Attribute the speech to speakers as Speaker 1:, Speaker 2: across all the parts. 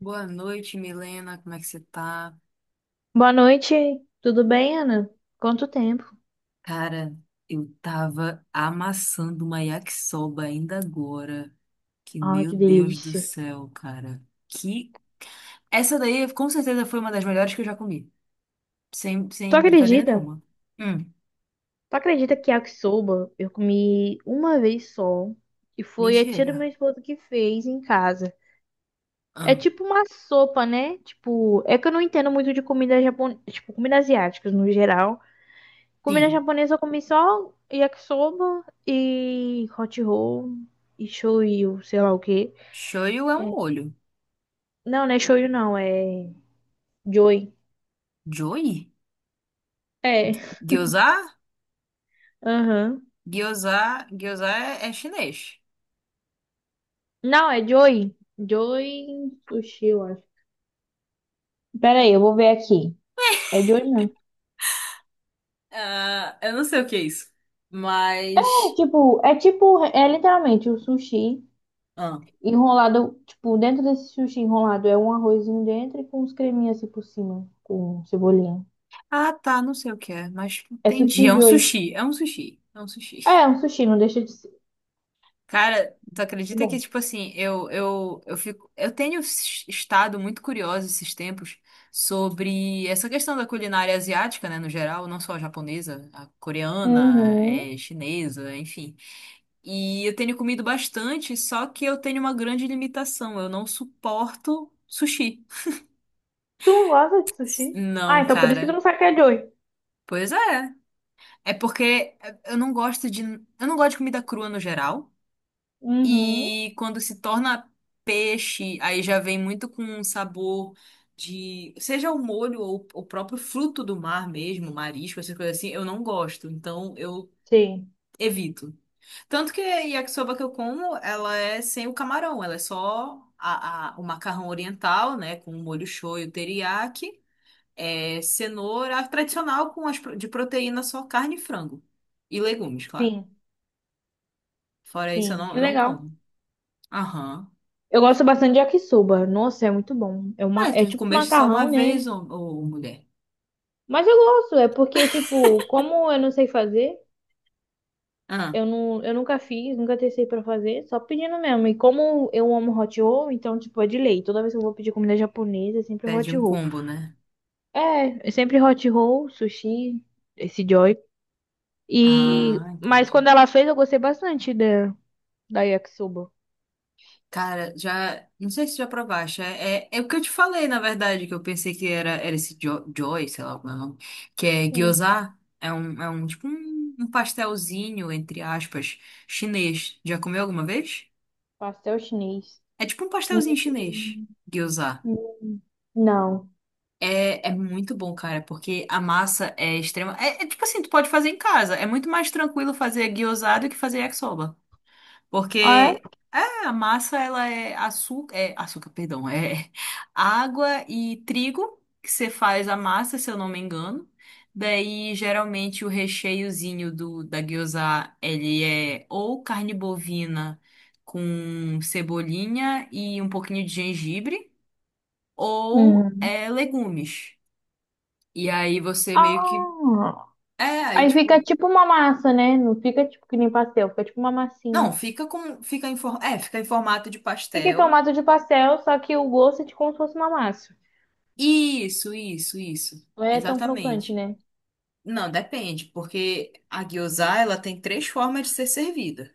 Speaker 1: Boa noite, Milena. Como é que você tá?
Speaker 2: Boa noite, tudo bem, Ana? Quanto tempo?
Speaker 1: Cara, eu tava amassando uma yakisoba ainda agora. Que
Speaker 2: Ah,
Speaker 1: meu
Speaker 2: que
Speaker 1: Deus do
Speaker 2: delícia.
Speaker 1: céu, cara. Que essa daí com certeza foi uma das melhores que eu já comi. Sem,
Speaker 2: Tu
Speaker 1: sem brincadeira
Speaker 2: acredita?
Speaker 1: nenhuma. Hum,
Speaker 2: Tu acredita que yakisoba eu comi uma vez só e foi a tia do meu
Speaker 1: mentira.
Speaker 2: esposo que fez em casa. É
Speaker 1: Ah,
Speaker 2: tipo uma sopa, né? Tipo, é que eu não entendo muito de comida japonesa, tipo, comida asiática no geral. Comida
Speaker 1: sim.
Speaker 2: japonesa eu comi só yakisoba e hot roll e shoyu, sei lá o quê.
Speaker 1: Shoyu é um
Speaker 2: É.
Speaker 1: molho.
Speaker 2: Não, não é shoyu não, é joy.
Speaker 1: Joy?
Speaker 2: É,
Speaker 1: Gyoza?
Speaker 2: aham.
Speaker 1: Gyoza, gyoza é chinês.
Speaker 2: Não, é Joy. Joy Sushi, eu acho. Pera aí, eu vou ver aqui. É Joy mesmo.
Speaker 1: Ah, eu não sei o que é isso.
Speaker 2: É
Speaker 1: Mas.
Speaker 2: tipo, é tipo, é literalmente o sushi
Speaker 1: Ah.
Speaker 2: enrolado, tipo, dentro desse sushi enrolado é um arrozinho dentro e com uns creminhos assim por cima, com cebolinha.
Speaker 1: Ah, tá, não sei o que é, mas
Speaker 2: É
Speaker 1: entendi. É
Speaker 2: sushi
Speaker 1: um
Speaker 2: Joy.
Speaker 1: sushi, é um sushi, é um
Speaker 2: É,
Speaker 1: sushi.
Speaker 2: é um sushi, não deixa de ser
Speaker 1: Cara, tu acredita que,
Speaker 2: bom.
Speaker 1: tipo assim, eu fico. Eu tenho estado muito curiosa esses tempos sobre essa questão da culinária asiática, né, no geral, não só a japonesa, a coreana,
Speaker 2: Uhum.
Speaker 1: é, chinesa, enfim. E eu tenho comido bastante, só que eu tenho uma grande limitação. Eu não suporto sushi.
Speaker 2: Tu não gosta de sushi? Ah,
Speaker 1: Não,
Speaker 2: então por isso que tu
Speaker 1: cara.
Speaker 2: não sabe que é Joy.
Speaker 1: Pois é. É porque eu não gosto de, eu não gosto de comida crua no geral.
Speaker 2: Uhum.
Speaker 1: E quando se torna peixe, aí já vem muito com um sabor de, seja o molho ou o próprio fruto do mar mesmo, marisco, essas coisas assim, eu não gosto. Então eu
Speaker 2: Sim,
Speaker 1: evito. Tanto que a yakisoba que eu como, ela é sem o camarão, ela é só o macarrão oriental, né, com o molho shoyu, teriyaki, é, cenoura, a tradicional com as, de proteína só carne e frango. E legumes, claro.
Speaker 2: sim,
Speaker 1: Fora isso, eu
Speaker 2: sim.
Speaker 1: não,
Speaker 2: Que
Speaker 1: eu não
Speaker 2: legal.
Speaker 1: como. Aham.
Speaker 2: Eu gosto bastante de yakisoba. Nossa, é muito bom. É uma,
Speaker 1: Olha,
Speaker 2: é
Speaker 1: tu
Speaker 2: tipo
Speaker 1: comeste só uma
Speaker 2: macarrão,
Speaker 1: vez,
Speaker 2: né?
Speaker 1: ô, mulher.
Speaker 2: Mas eu gosto, é porque, tipo, como eu não sei fazer,
Speaker 1: Ah,
Speaker 2: eu, não, eu nunca fiz, nunca testei pra fazer, só pedindo mesmo. E como eu amo hot roll, então, tipo, é de lei. Toda vez que eu vou pedir comida japonesa, é sempre
Speaker 1: pede
Speaker 2: hot
Speaker 1: um
Speaker 2: roll.
Speaker 1: combo, né?
Speaker 2: É, é sempre hot roll, sushi, esse joy.
Speaker 1: Ah,
Speaker 2: E... Mas
Speaker 1: entendi.
Speaker 2: quando ela fez, eu gostei bastante da, da yakisoba.
Speaker 1: Cara, já. Não sei se já provaste. É o que eu te falei, na verdade, que eu pensei que era esse jo Joy, sei lá como é o nome. Que é
Speaker 2: Sim,
Speaker 1: gyoza. É um tipo um pastelzinho, entre aspas, chinês. Já comeu alguma vez?
Speaker 2: pastel chinês.
Speaker 1: É tipo um
Speaker 2: Hum,
Speaker 1: pastelzinho chinês. Gyoza.
Speaker 2: hum, Não.
Speaker 1: É muito bom, cara, porque a massa é extrema. É tipo assim, tu pode fazer em casa. É muito mais tranquilo fazer guiosado do que fazer yakisoba.
Speaker 2: Ah, é?
Speaker 1: Porque é, a massa, ela é açúcar, perdão, é água e trigo que você faz a massa, se eu não me engano. Daí, geralmente, o recheiozinho da gyoza ele é ou carne bovina com cebolinha e um pouquinho de gengibre, ou
Speaker 2: Uhum.
Speaker 1: é legumes. E aí você meio que.
Speaker 2: Ah,
Speaker 1: É, aí
Speaker 2: aí fica
Speaker 1: tipo.
Speaker 2: tipo uma massa, né? Não fica tipo que nem pastel, fica tipo uma massinha.
Speaker 1: Não, fica com. Fica em, é, fica em formato de
Speaker 2: Fica em
Speaker 1: pastel.
Speaker 2: formato de pastel, só que o gosto é de como se fosse uma massa.
Speaker 1: Isso.
Speaker 2: Não é tão crocante,
Speaker 1: Exatamente.
Speaker 2: né?
Speaker 1: Não, depende, porque a gyoza, ela tem três formas de ser servida.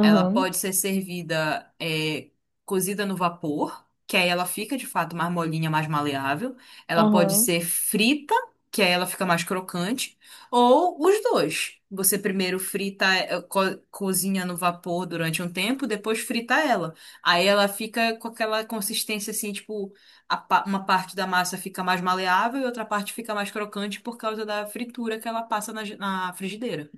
Speaker 1: Ela pode ser servida é, cozida no vapor, que aí ela fica de fato mais molinha, mais maleável. Ela pode
Speaker 2: aham.
Speaker 1: ser frita, que aí ela fica mais crocante. Ou os dois. Você primeiro frita, cozinha no vapor durante um tempo, depois frita ela. Aí ela fica com aquela consistência assim, tipo, a uma parte da massa fica mais maleável e outra parte fica mais crocante por causa da fritura que ela passa na, na frigideira.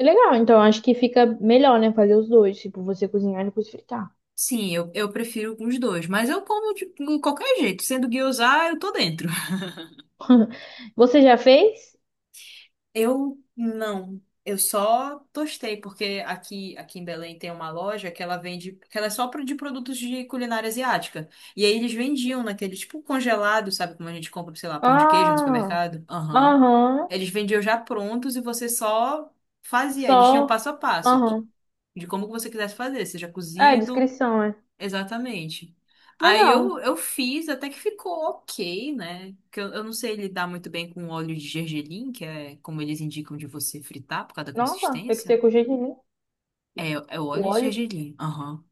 Speaker 2: É legal, então acho que fica melhor, né? Fazer os dois, tipo, você cozinhar e depois fritar.
Speaker 1: Sim, eu prefiro os dois, mas eu como de qualquer jeito, sendo guiozá, eu tô dentro.
Speaker 2: Você já fez?
Speaker 1: Eu não. Eu só tostei, porque aqui em Belém tem uma loja que ela vende, que ela é só de produtos de culinária asiática. E aí eles vendiam naquele tipo congelado, sabe como a gente compra, sei lá, pão de queijo no
Speaker 2: Ah,
Speaker 1: supermercado? Aham.
Speaker 2: aham.
Speaker 1: Eles vendiam já prontos e você só fazia. Eles tinham
Speaker 2: Só,
Speaker 1: passo a passo
Speaker 2: aham.
Speaker 1: de como que você quisesse fazer, seja
Speaker 2: É,
Speaker 1: cozido.
Speaker 2: descrição, é.
Speaker 1: Exatamente. Aí
Speaker 2: Legal.
Speaker 1: eu fiz, até que ficou ok, né? Que eu não sei lidar muito bem com óleo de gergelim, que é como eles indicam de você fritar por causa da
Speaker 2: Nossa, tem que
Speaker 1: consistência.
Speaker 2: ser com jejum, né?
Speaker 1: É, é o
Speaker 2: O
Speaker 1: óleo de
Speaker 2: óleo.
Speaker 1: gergelim. Aham.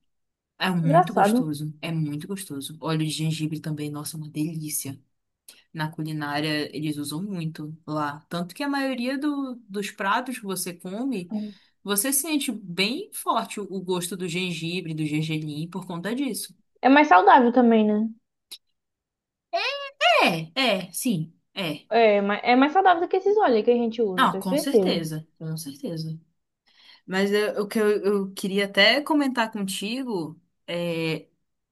Speaker 1: É muito
Speaker 2: Engraçado.
Speaker 1: gostoso. É muito gostoso. Óleo de gengibre também, nossa, é uma delícia. Na culinária eles usam muito lá. Tanto que a maioria dos pratos que você come, você sente bem forte o gosto do gengibre, do gergelim por conta disso.
Speaker 2: É mais saudável também, né?
Speaker 1: É, é, sim.
Speaker 2: É, mas é mais saudável do que esses óleos que a gente usa,
Speaker 1: Não,
Speaker 2: tenho
Speaker 1: com
Speaker 2: certeza.
Speaker 1: certeza, com certeza. Mas eu- o que eu queria até comentar contigo é,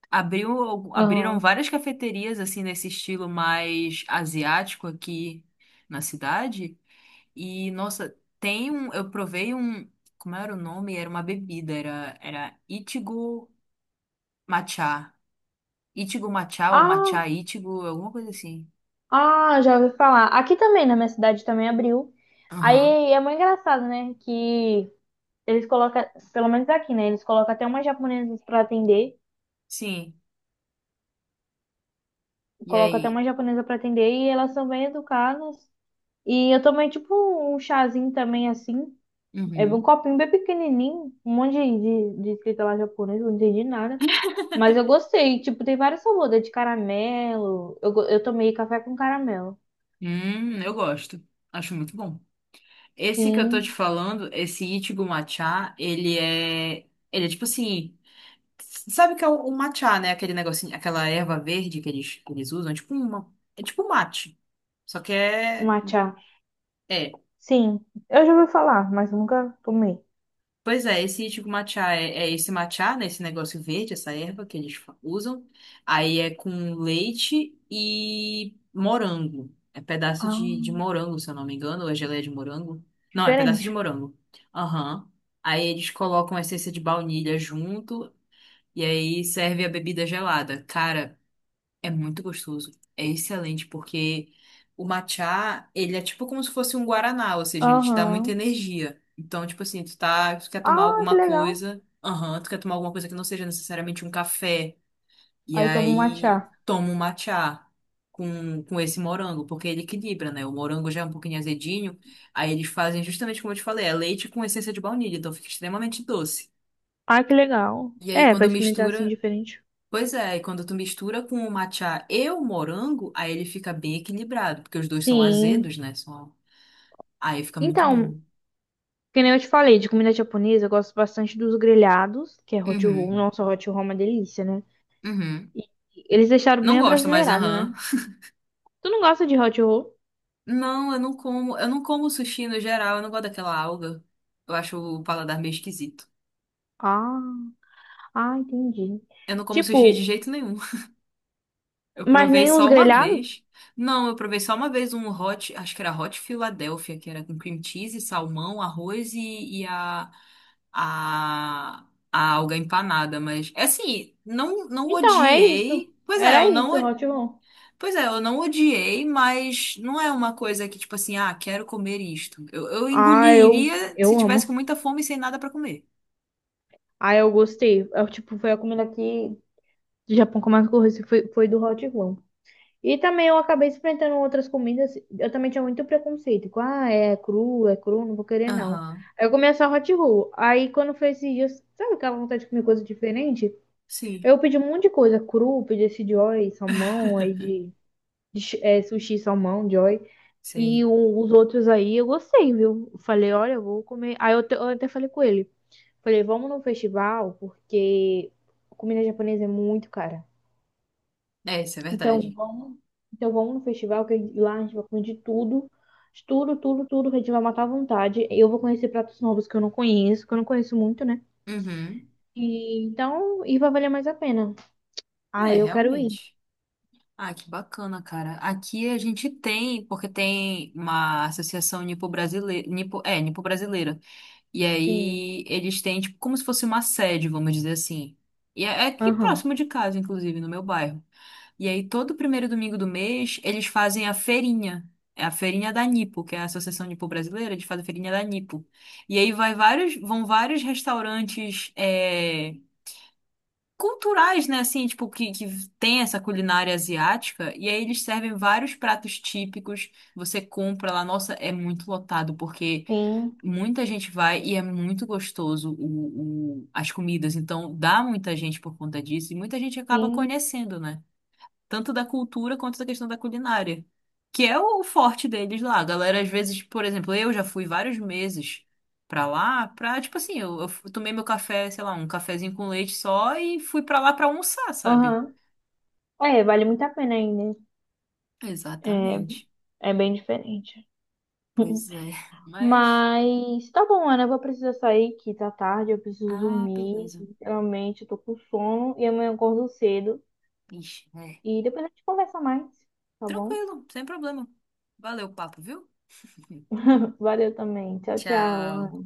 Speaker 1: abriu, abriram
Speaker 2: Aham.
Speaker 1: várias cafeterias assim nesse estilo mais asiático aqui na cidade. E, nossa, tem um. Eu provei um. Como era o nome? Era uma bebida, era Ichigo Matcha. Ichigo Matcha ou
Speaker 2: Ah,
Speaker 1: Matcha Ichigo, alguma coisa assim.
Speaker 2: ah, já ouvi falar. Aqui também, na minha cidade também abriu.
Speaker 1: Aham.
Speaker 2: Aí é muito engraçado, né? Que eles colocam, pelo menos aqui, né? Eles colocam até umas japonesas pra atender,
Speaker 1: Sim. E
Speaker 2: colocam até
Speaker 1: aí?
Speaker 2: uma japonesa pra atender e elas são bem educadas. E eu tomei tipo um chazinho também assim, é um
Speaker 1: Uhum.
Speaker 2: copinho bem pequenininho, um monte de escrita lá japonesa, não entendi nada. Mas eu gostei. Tipo, tem vários sabores, é de caramelo. Eu, go- eu tomei café com caramelo.
Speaker 1: Eu gosto. Acho muito bom. Esse que eu tô te
Speaker 2: Sim,
Speaker 1: falando, esse Ichigo Matcha, ele é. Ele é tipo assim. Sabe o que é o matcha, né? Aquele negocinho, aquela erva verde que eles usam. É tipo uma. É tipo um mate. Só que é.
Speaker 2: matcha.
Speaker 1: É,
Speaker 2: Sim, eu já ouvi falar, mas nunca tomei.
Speaker 1: pois é, esse tipo matcha é esse matcha, né? Esse negócio verde, essa erva que eles usam. Aí é com leite e morango. É pedaço
Speaker 2: Ah,
Speaker 1: de morango, se eu não me engano, ou é geleia de morango. Não, é pedaço de
Speaker 2: diferente.
Speaker 1: morango. Aham. Aí eles colocam a essência de baunilha junto e aí serve a bebida gelada. Cara, é muito gostoso. É excelente porque o matcha, ele é tipo como se fosse um guaraná, ou seja, ele te dá muita
Speaker 2: Aham.
Speaker 1: energia. Então, tipo assim, tu tá, tu quer tomar
Speaker 2: Ah, que
Speaker 1: alguma
Speaker 2: legal.
Speaker 1: coisa, aham, tu quer tomar alguma coisa que não seja necessariamente um café, e
Speaker 2: Aí tomo um
Speaker 1: aí
Speaker 2: matcha.
Speaker 1: toma um matcha com esse morango, porque ele equilibra, né? O morango já é um pouquinho azedinho, aí eles fazem justamente como eu te falei, é leite com essência de baunilha, então fica extremamente doce.
Speaker 2: Ah, que legal.
Speaker 1: E aí,
Speaker 2: É, pra
Speaker 1: quando
Speaker 2: experimentar assim
Speaker 1: mistura,
Speaker 2: diferente.
Speaker 1: pois é, e quando tu mistura com o matcha e o morango, aí ele fica bem equilibrado, porque os dois são
Speaker 2: Sim.
Speaker 1: azedos, né? São... Aí fica muito bom.
Speaker 2: Então, que nem eu te falei, de comida japonesa, eu gosto bastante dos grelhados, que é hot roll.
Speaker 1: Uhum,
Speaker 2: Nossa, hot roll é uma delícia, né?
Speaker 1: uhum.
Speaker 2: E eles deixaram
Speaker 1: Não
Speaker 2: bem
Speaker 1: gosto mais,
Speaker 2: abrasileirado, né?
Speaker 1: aham.
Speaker 2: Tu não gosta de hot roll?
Speaker 1: Não, eu não como sushi no geral, eu não gosto daquela alga. Eu acho o paladar meio esquisito.
Speaker 2: Ah. Ah, entendi.
Speaker 1: Eu não como sushi de
Speaker 2: Tipo,
Speaker 1: jeito nenhum. Eu
Speaker 2: mas
Speaker 1: provei
Speaker 2: nem os
Speaker 1: só uma
Speaker 2: grelhados?
Speaker 1: vez. Não, eu provei só uma vez um hot, acho que era hot Philadelphia, que era com cream cheese, salmão, arroz e a, a alga empanada, mas é assim, não não
Speaker 2: Então, é isso.
Speaker 1: odiei. Pois é,
Speaker 2: Era
Speaker 1: eu não,
Speaker 2: isso, Hot Roll.
Speaker 1: eu não odiei, mas não é uma coisa que tipo assim, ah, quero comer isto. Eu
Speaker 2: Ah,
Speaker 1: engoliria
Speaker 2: eu
Speaker 1: se tivesse
Speaker 2: amo.
Speaker 1: com muita fome e sem nada pra comer.
Speaker 2: Ah, eu gostei. Eu, tipo, foi a comida que do Japão que eu mais gostei, foi, foi do Hot Roll. E também eu acabei experimentando outras comidas. Eu também tinha muito preconceito. Com, ah, é cru, não vou querer, não.
Speaker 1: Aham.
Speaker 2: Aí eu comia só Hot Roll. Aí quando foi esses dias, sabe aquela vontade de comer coisa diferente?
Speaker 1: Sim,
Speaker 2: Eu pedi um monte de coisa. Cru, pedi esse Joy, salmão, aí de sushi, salmão, Joy.
Speaker 1: sei.
Speaker 2: E o- os outros aí eu gostei, viu? Eu falei, olha, eu vou comer. Aí eu, te- eu até falei com ele. Falei, vamos no festival, porque comida japonesa é muito cara.
Speaker 1: É, isso é
Speaker 2: Então
Speaker 1: verdade.
Speaker 2: vamos, então vamos no festival, que a gente- lá a gente vai comer de tudo. De tudo, tudo, tudo, que a gente vai matar à vontade. Eu vou conhecer pratos novos que eu não conheço, que eu não conheço muito, né?
Speaker 1: Uhum.
Speaker 2: E, então, e vai valer mais a pena.
Speaker 1: É,
Speaker 2: Ah, eu quero ir.
Speaker 1: realmente. Ah, que bacana, cara. Aqui a gente tem, porque tem uma associação nipo, é, nipo-brasileira. E
Speaker 2: Sim.
Speaker 1: aí eles têm, tipo, como se fosse uma sede, vamos dizer assim. E é aqui
Speaker 2: Aham.
Speaker 1: próximo de casa, inclusive, no meu bairro. E aí todo primeiro domingo do mês eles fazem a feirinha. É a feirinha da Nipo, que é a Associação Nipo Brasileira, eles fazem a feirinha da Nipo. E aí vão vários restaurantes é, culturais, né? Assim, tipo, que tem essa culinária asiática. E aí eles servem vários pratos típicos. Você compra lá, nossa, é muito lotado, porque.
Speaker 2: Sim,
Speaker 1: Muita gente vai e é muito gostoso as comidas, então dá muita gente por conta disso e muita gente acaba
Speaker 2: sim.
Speaker 1: conhecendo, né? Tanto da cultura quanto da questão da culinária, que é o forte deles lá. A galera, às vezes, por exemplo, eu já fui vários meses pra lá, pra, tipo assim, eu tomei meu café, sei lá, um cafezinho com leite só e fui pra lá pra almoçar, sabe?
Speaker 2: Aham. É, vale muito a pena ainda. É,
Speaker 1: Exatamente.
Speaker 2: é bem diferente.
Speaker 1: Pois é. Mas.
Speaker 2: Mas tá bom, Ana, eu vou precisar sair que tá tarde, eu preciso
Speaker 1: Ah,
Speaker 2: dormir.
Speaker 1: beleza.
Speaker 2: Realmente, eu tô com sono e amanhã eu acordo cedo.
Speaker 1: Ixi, é.
Speaker 2: E depois a gente conversa mais, tá bom?
Speaker 1: Tranquilo, sem problema. Valeu o papo, viu?
Speaker 2: Valeu também. Tchau, tchau,
Speaker 1: Tchau.
Speaker 2: Ana.